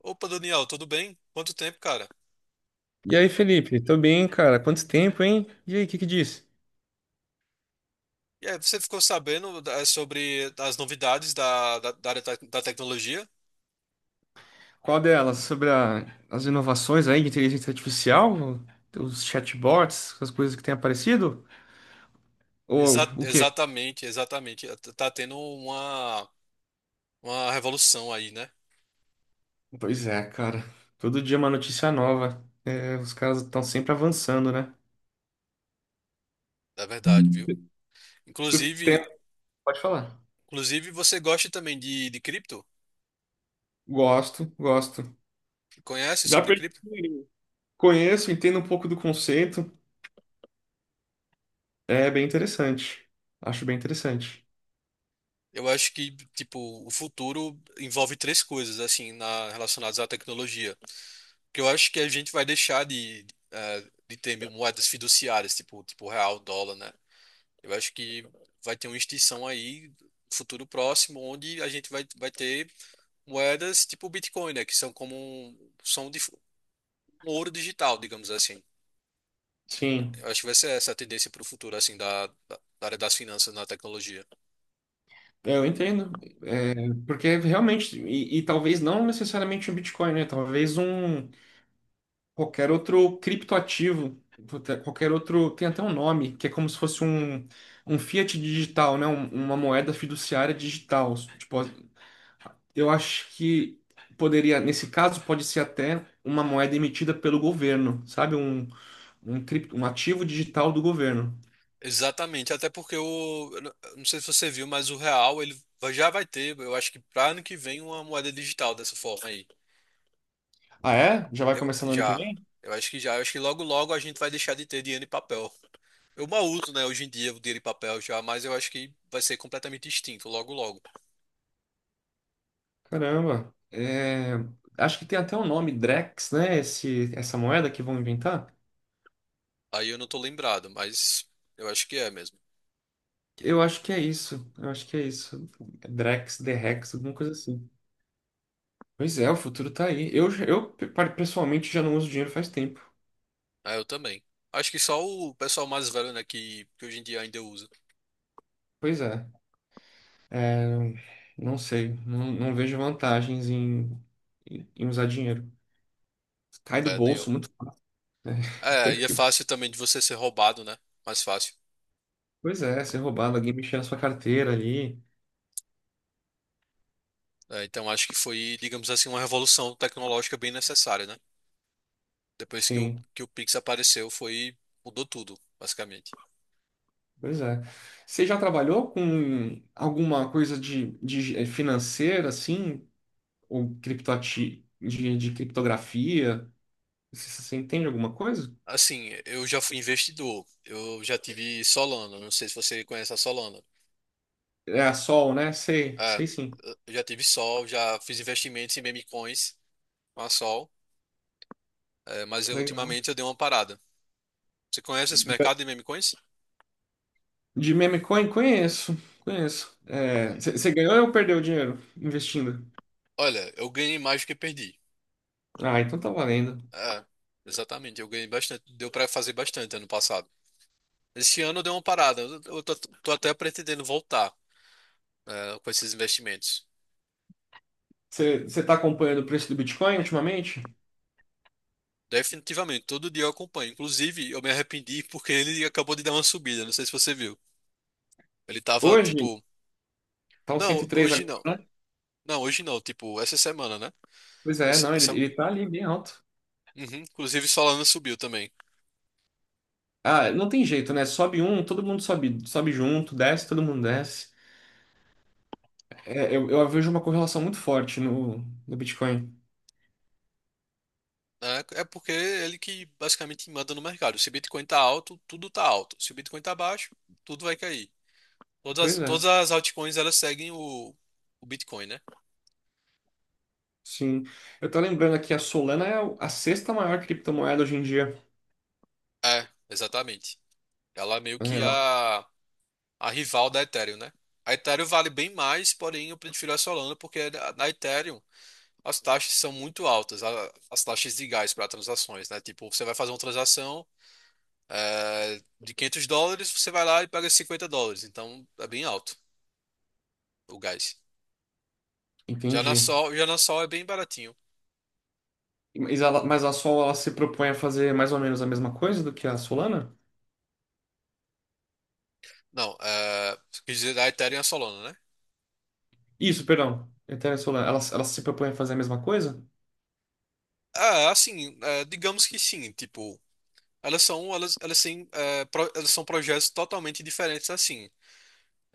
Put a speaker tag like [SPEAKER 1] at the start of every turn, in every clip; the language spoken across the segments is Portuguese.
[SPEAKER 1] Opa, Daniel, tudo bem? Quanto tempo, cara?
[SPEAKER 2] E aí, Felipe? Tô bem, cara. Quanto tempo, hein? E aí, o que que diz?
[SPEAKER 1] E aí, você ficou sabendo sobre as novidades da área da tecnologia?
[SPEAKER 2] Qual delas? Sobre a- as inovações aí de inteligência artificial? Os chatbots, as coisas que têm aparecido? Ou o quê?
[SPEAKER 1] Exatamente, exatamente. Tá tendo uma revolução aí, né?
[SPEAKER 2] Pois é, cara. Todo dia uma notícia nova. É, os caras estão sempre avançando, né?
[SPEAKER 1] É verdade, viu?
[SPEAKER 2] Você
[SPEAKER 1] Inclusive,
[SPEAKER 2] tem- Pode falar.
[SPEAKER 1] inclusive, você gosta também de cripto?
[SPEAKER 2] Gosto, gosto.
[SPEAKER 1] Conhece
[SPEAKER 2] Já
[SPEAKER 1] sobre
[SPEAKER 2] perdi
[SPEAKER 1] cripto?
[SPEAKER 2] o dinheirinho. Conheço, entendo um pouco do conceito. É bem interessante. Acho bem interessante.
[SPEAKER 1] Eu acho que, tipo, o futuro envolve três coisas, assim, relacionadas à tecnologia. Que eu acho que a gente vai deixar de ter moedas fiduciárias, tipo real, dólar, né? Eu acho que vai ter uma extinção aí, no futuro próximo, onde a gente vai ter moedas tipo o Bitcoin, né? Que são como um, um ouro digital, digamos assim.
[SPEAKER 2] Sim,
[SPEAKER 1] Eu acho que vai ser essa a tendência para o futuro, assim, da área das finanças na tecnologia.
[SPEAKER 2] eu entendo. Porque realmente, e talvez não necessariamente um Bitcoin, né? Talvez um qualquer outro criptoativo, puta, qualquer outro, tem até um nome, que é como se fosse um fiat digital, né? Um- uma moeda fiduciária digital. Tipo, eu acho que poderia, nesse caso, pode ser até uma moeda emitida pelo governo, sabe? Um, cripto, um ativo digital do governo.
[SPEAKER 1] Exatamente, até porque eu não sei se você viu, mas o real, ele já vai ter, eu acho que para ano que vem, uma moeda digital dessa forma aí.
[SPEAKER 2] Ah, é? Já vai
[SPEAKER 1] Eu,
[SPEAKER 2] começar no ano que
[SPEAKER 1] já.
[SPEAKER 2] vem?
[SPEAKER 1] Eu acho que já, eu acho que logo logo a gente vai deixar de ter dinheiro em papel. Eu mal uso, né, hoje em dia o dinheiro em papel já, mas eu acho que vai ser completamente extinto logo logo.
[SPEAKER 2] Caramba. É, acho que tem até o nome Drex, né? Esse, essa moeda que vão inventar.
[SPEAKER 1] Aí eu não tô lembrado, mas eu acho que é mesmo.
[SPEAKER 2] Eu acho que é isso. Eu acho que é isso. Drex, Drex, alguma coisa assim. Pois é, o futuro tá aí. Eu pe- pessoalmente já não uso dinheiro faz tempo.
[SPEAKER 1] Ah, eu também. Acho que só o pessoal mais velho, né, que hoje em dia ainda usa.
[SPEAKER 2] Pois é. É, não sei. Não, não vejo vantagens em, em usar dinheiro. Cai do
[SPEAKER 1] É, nem
[SPEAKER 2] bolso
[SPEAKER 1] eu.
[SPEAKER 2] muito.
[SPEAKER 1] É, e é
[SPEAKER 2] Porque-
[SPEAKER 1] fácil também de você ser roubado, né? Mais fácil.
[SPEAKER 2] Pois é, ser roubado, alguém mexer na sua carteira ali.
[SPEAKER 1] É, então acho que foi, digamos assim, uma revolução tecnológica bem necessária, né? Depois que o,
[SPEAKER 2] Sim.
[SPEAKER 1] que o Pix apareceu, mudou tudo, basicamente.
[SPEAKER 2] Pois é. Você já trabalhou com alguma coisa de financeira, assim, ou criptoati de criptografia? Você, você entende alguma coisa?
[SPEAKER 1] Assim, eu já fui investidor. Eu já tive Solana. Não sei se você conhece a Solana.
[SPEAKER 2] É a Sol, né? Sei,
[SPEAKER 1] É,
[SPEAKER 2] sei sim.
[SPEAKER 1] eu já tive Sol, já fiz investimentos em meme coins com a Sol. É, mas eu,
[SPEAKER 2] Legal.
[SPEAKER 1] ultimamente eu dei uma parada. Você conhece esse mercado de meme coins?
[SPEAKER 2] De meme coin, conheço, conheço. É, você ganhou ou perdeu dinheiro investindo?
[SPEAKER 1] Olha, eu ganhei mais do que perdi.
[SPEAKER 2] Ah, então tá valendo.
[SPEAKER 1] É, exatamente. Eu ganhei bastante. Deu pra fazer bastante ano passado. Esse ano eu dei uma parada. Eu tô até pretendendo voltar, com esses investimentos.
[SPEAKER 2] Você tá acompanhando o preço do Bitcoin ultimamente?
[SPEAKER 1] Definitivamente, todo dia eu acompanho. Inclusive, eu me arrependi porque ele acabou de dar uma subida. Não sei se você viu. Ele tava
[SPEAKER 2] Hoje,
[SPEAKER 1] tipo,
[SPEAKER 2] tá uns cento
[SPEAKER 1] não,
[SPEAKER 2] e três
[SPEAKER 1] hoje
[SPEAKER 2] agora,
[SPEAKER 1] não.
[SPEAKER 2] né?
[SPEAKER 1] Não, hoje não, tipo, essa semana, né?
[SPEAKER 2] Pois é,
[SPEAKER 1] Essa-
[SPEAKER 2] não, ele,
[SPEAKER 1] essa-
[SPEAKER 2] ele tá ali bem alto.
[SPEAKER 1] Uhum. Inclusive, Solana subiu também.
[SPEAKER 2] Ah, não tem jeito, né? Sobe um, todo mundo sobe, sobe junto, desce, todo mundo desce. É, eu vejo uma correlação muito forte no, no Bitcoin.
[SPEAKER 1] É, porque ele que basicamente manda no mercado. Se o Bitcoin tá alto, tudo tá alto. Se o Bitcoin tá baixo, tudo vai cair. Todas, as-
[SPEAKER 2] Pois é,
[SPEAKER 1] todas as altcoins elas seguem o Bitcoin, né?
[SPEAKER 2] sim. Eu tô lembrando aqui, a Solana é a sexta maior criptomoeda hoje em dia.
[SPEAKER 1] É, exatamente. Ela é meio
[SPEAKER 2] É,
[SPEAKER 1] que
[SPEAKER 2] ela-
[SPEAKER 1] a rival da Ethereum, né? A Ethereum vale bem mais, porém eu prefiro a Solana porque na Ethereum as taxas são muito altas, as taxas de legais para transações, né? Tipo, você vai fazer uma transação de US$ 500, você vai lá e paga US$ 50. Então, é bem alto o gás. Já na
[SPEAKER 2] entendi.
[SPEAKER 1] Sol, já na Sol é bem baratinho.
[SPEAKER 2] Mas, ela, mas a Sol, ela se propõe a fazer mais ou menos a mesma coisa do que a Solana?
[SPEAKER 1] Não, quer dizer, a Ethereum e a Solana, né?
[SPEAKER 2] Isso, perdão. Eterna Solar. Ela se propõe a fazer a mesma coisa?
[SPEAKER 1] Ah, assim, digamos que sim. Tipo, elas são, elas têm, elas são projetos totalmente diferentes assim.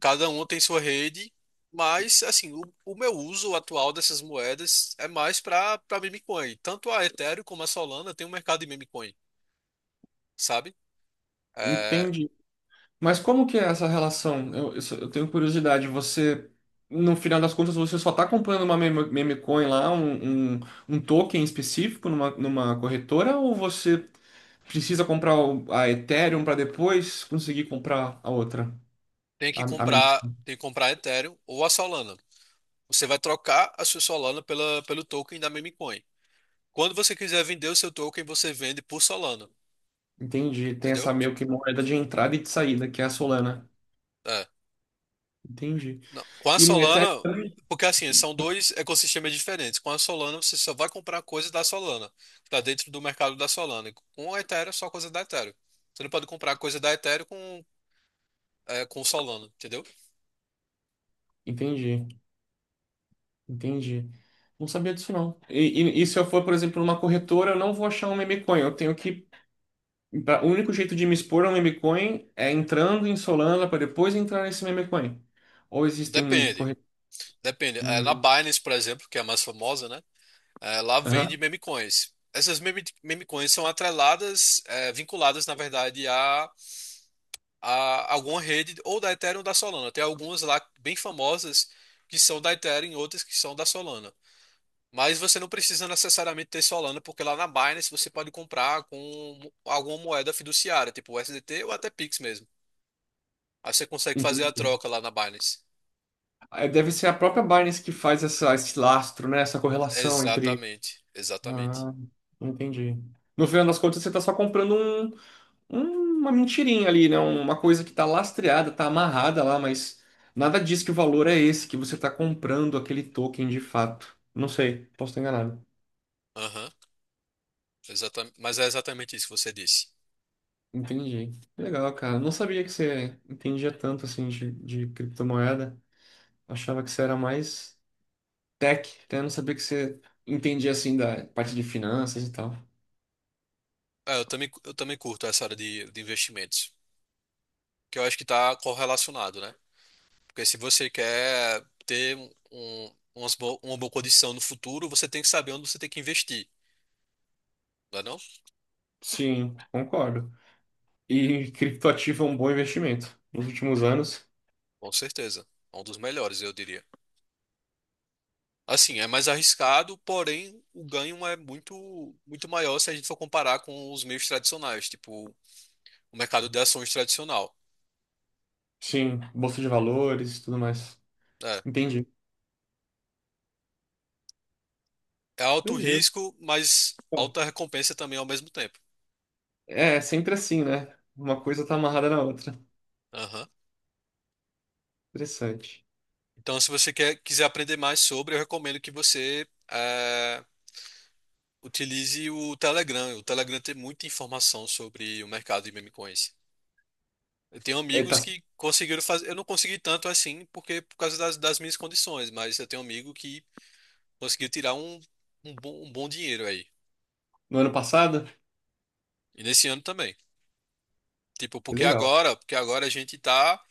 [SPEAKER 1] Cada um tem sua rede, mas assim, o meu uso atual dessas moedas é mais para meme coin. Tanto a Ethereum como a Solana tem um mercado de meme coin, sabe? É,
[SPEAKER 2] Entendi. Mas como que é essa relação? Só- eu tenho curiosidade. Você, no final das contas, você só está comprando uma meme, meme coin lá, um token específico numa, numa corretora, ou você precisa comprar o- a Ethereum para depois conseguir comprar a outra.
[SPEAKER 1] tem que
[SPEAKER 2] A mem-
[SPEAKER 1] comprar, tem que comprar a Ethereum ou a Solana. Você vai trocar a sua Solana pela, pelo token da meme coin. Quando você quiser vender o seu token, você vende por Solana,
[SPEAKER 2] entendi. Tem
[SPEAKER 1] entendeu?
[SPEAKER 2] essa meio que moeda de entrada e de saída, que é a Solana.
[SPEAKER 1] É,
[SPEAKER 2] Entendi.
[SPEAKER 1] não, com a
[SPEAKER 2] E no Ethereum
[SPEAKER 1] Solana,
[SPEAKER 2] também?
[SPEAKER 1] porque assim, são dois ecossistemas diferentes. Com a Solana, você só vai comprar coisa da Solana, que está dentro do mercado da Solana. E com a Ethereum, é só coisa da Ethereum. Você não pode comprar coisa da Ethereum com Solana, entendeu?
[SPEAKER 2] Entendi, entendi. Não sabia disso não. E se eu for, por exemplo, numa corretora, eu não vou achar um meme coin. Eu tenho que. Pra- O único jeito de me expor a um meme coin é entrando em Solana para depois entrar nesse meme coin. Ou existem
[SPEAKER 1] Depende.
[SPEAKER 2] corretoras.
[SPEAKER 1] Depende. É, na Binance, por exemplo, que é a mais famosa, né? É, lá vende meme coins. Essas meme coins são atreladas, vinculadas, na verdade, a alguma rede ou da Ethereum ou da Solana. Tem algumas lá bem famosas que são da Ethereum e outras que são da Solana. Mas você não precisa necessariamente ter Solana, porque lá na Binance você pode comprar com alguma moeda fiduciária, tipo USDT ou até Pix mesmo. Aí você consegue fazer a troca lá na Binance.
[SPEAKER 2] É, deve ser a própria Binance que faz essa, esse lastro, né? Essa correlação entre.
[SPEAKER 1] Exatamente, exatamente.
[SPEAKER 2] Ah, entendi. No final das contas, você está só comprando um- um- uma mentirinha ali, né? Uma coisa que está lastreada, está amarrada lá, mas nada diz que o valor é esse, que você está comprando aquele token de fato. Não sei, posso estar enganado.
[SPEAKER 1] Aham, exatamente. Mas é exatamente isso que você disse.
[SPEAKER 2] Entendi. Legal, cara. Não sabia que você entendia tanto assim de criptomoeda. Achava que você era mais tech, até não sabia que você entendia assim da parte de finanças e tal.
[SPEAKER 1] É, eu também curto essa área de investimentos, que eu acho que está correlacionado, né? Porque se você quer ter uma boa condição no futuro, você tem que saber onde você tem que investir, não é não?
[SPEAKER 2] Sim, concordo. E criptoativo é um bom investimento. Nos últimos anos,
[SPEAKER 1] Com certeza. É um dos melhores, eu diria. Assim, é mais arriscado, porém o ganho é muito, muito maior se a gente for comparar com os meios tradicionais, tipo o mercado de ações tradicional.
[SPEAKER 2] sim, bolsa de valores e tudo mais.
[SPEAKER 1] É,
[SPEAKER 2] Entendi.
[SPEAKER 1] é, alto
[SPEAKER 2] Beleza.
[SPEAKER 1] risco, mas alta recompensa também ao mesmo tempo.
[SPEAKER 2] É, sempre assim, né? Uma coisa tá amarrada na outra.
[SPEAKER 1] Aham.
[SPEAKER 2] Interessante.
[SPEAKER 1] Então, se você quer, quiser aprender mais sobre, eu recomendo que você utilize o Telegram. O Telegram tem muita informação sobre o mercado de meme coins. Eu tenho
[SPEAKER 2] É, tá
[SPEAKER 1] amigos que conseguiram fazer. Eu não consegui tanto assim, porque por causa das minhas condições, mas eu tenho um amigo que conseguiu tirar um, um bom dinheiro aí.
[SPEAKER 2] no ano passado?
[SPEAKER 1] E nesse ano também. Tipo,
[SPEAKER 2] Que
[SPEAKER 1] porque
[SPEAKER 2] legal.
[SPEAKER 1] agora, porque agora a gente tá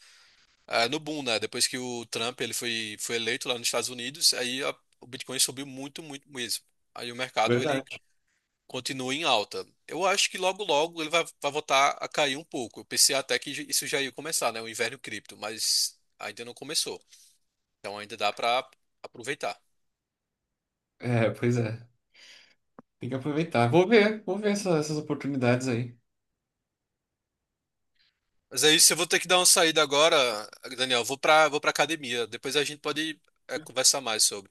[SPEAKER 1] no boom, né? Depois que o Trump ele foi eleito lá nos Estados Unidos, aí o Bitcoin subiu muito, muito mesmo. Aí o mercado ele
[SPEAKER 2] Verdade.
[SPEAKER 1] continua em alta. Eu acho que logo, logo ele vai voltar a cair um pouco. Eu pensei até que isso já ia começar, né? O inverno cripto, mas ainda não começou. Então ainda dá para aproveitar.
[SPEAKER 2] É, pois é. Tem que aproveitar. Vou ver essa- essas oportunidades aí.
[SPEAKER 1] Mas é isso, eu vou ter que dar uma saída agora, Daniel. Vou pra academia. Depois a gente pode, conversar mais sobre.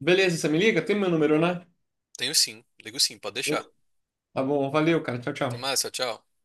[SPEAKER 2] Beleza, você me liga? Tem meu número, né?
[SPEAKER 1] Tenho sim, ligo sim, pode deixar.
[SPEAKER 2] Tá bom, valeu, cara. Tchau,
[SPEAKER 1] Até
[SPEAKER 2] tchau.
[SPEAKER 1] mais, tchau, tchau.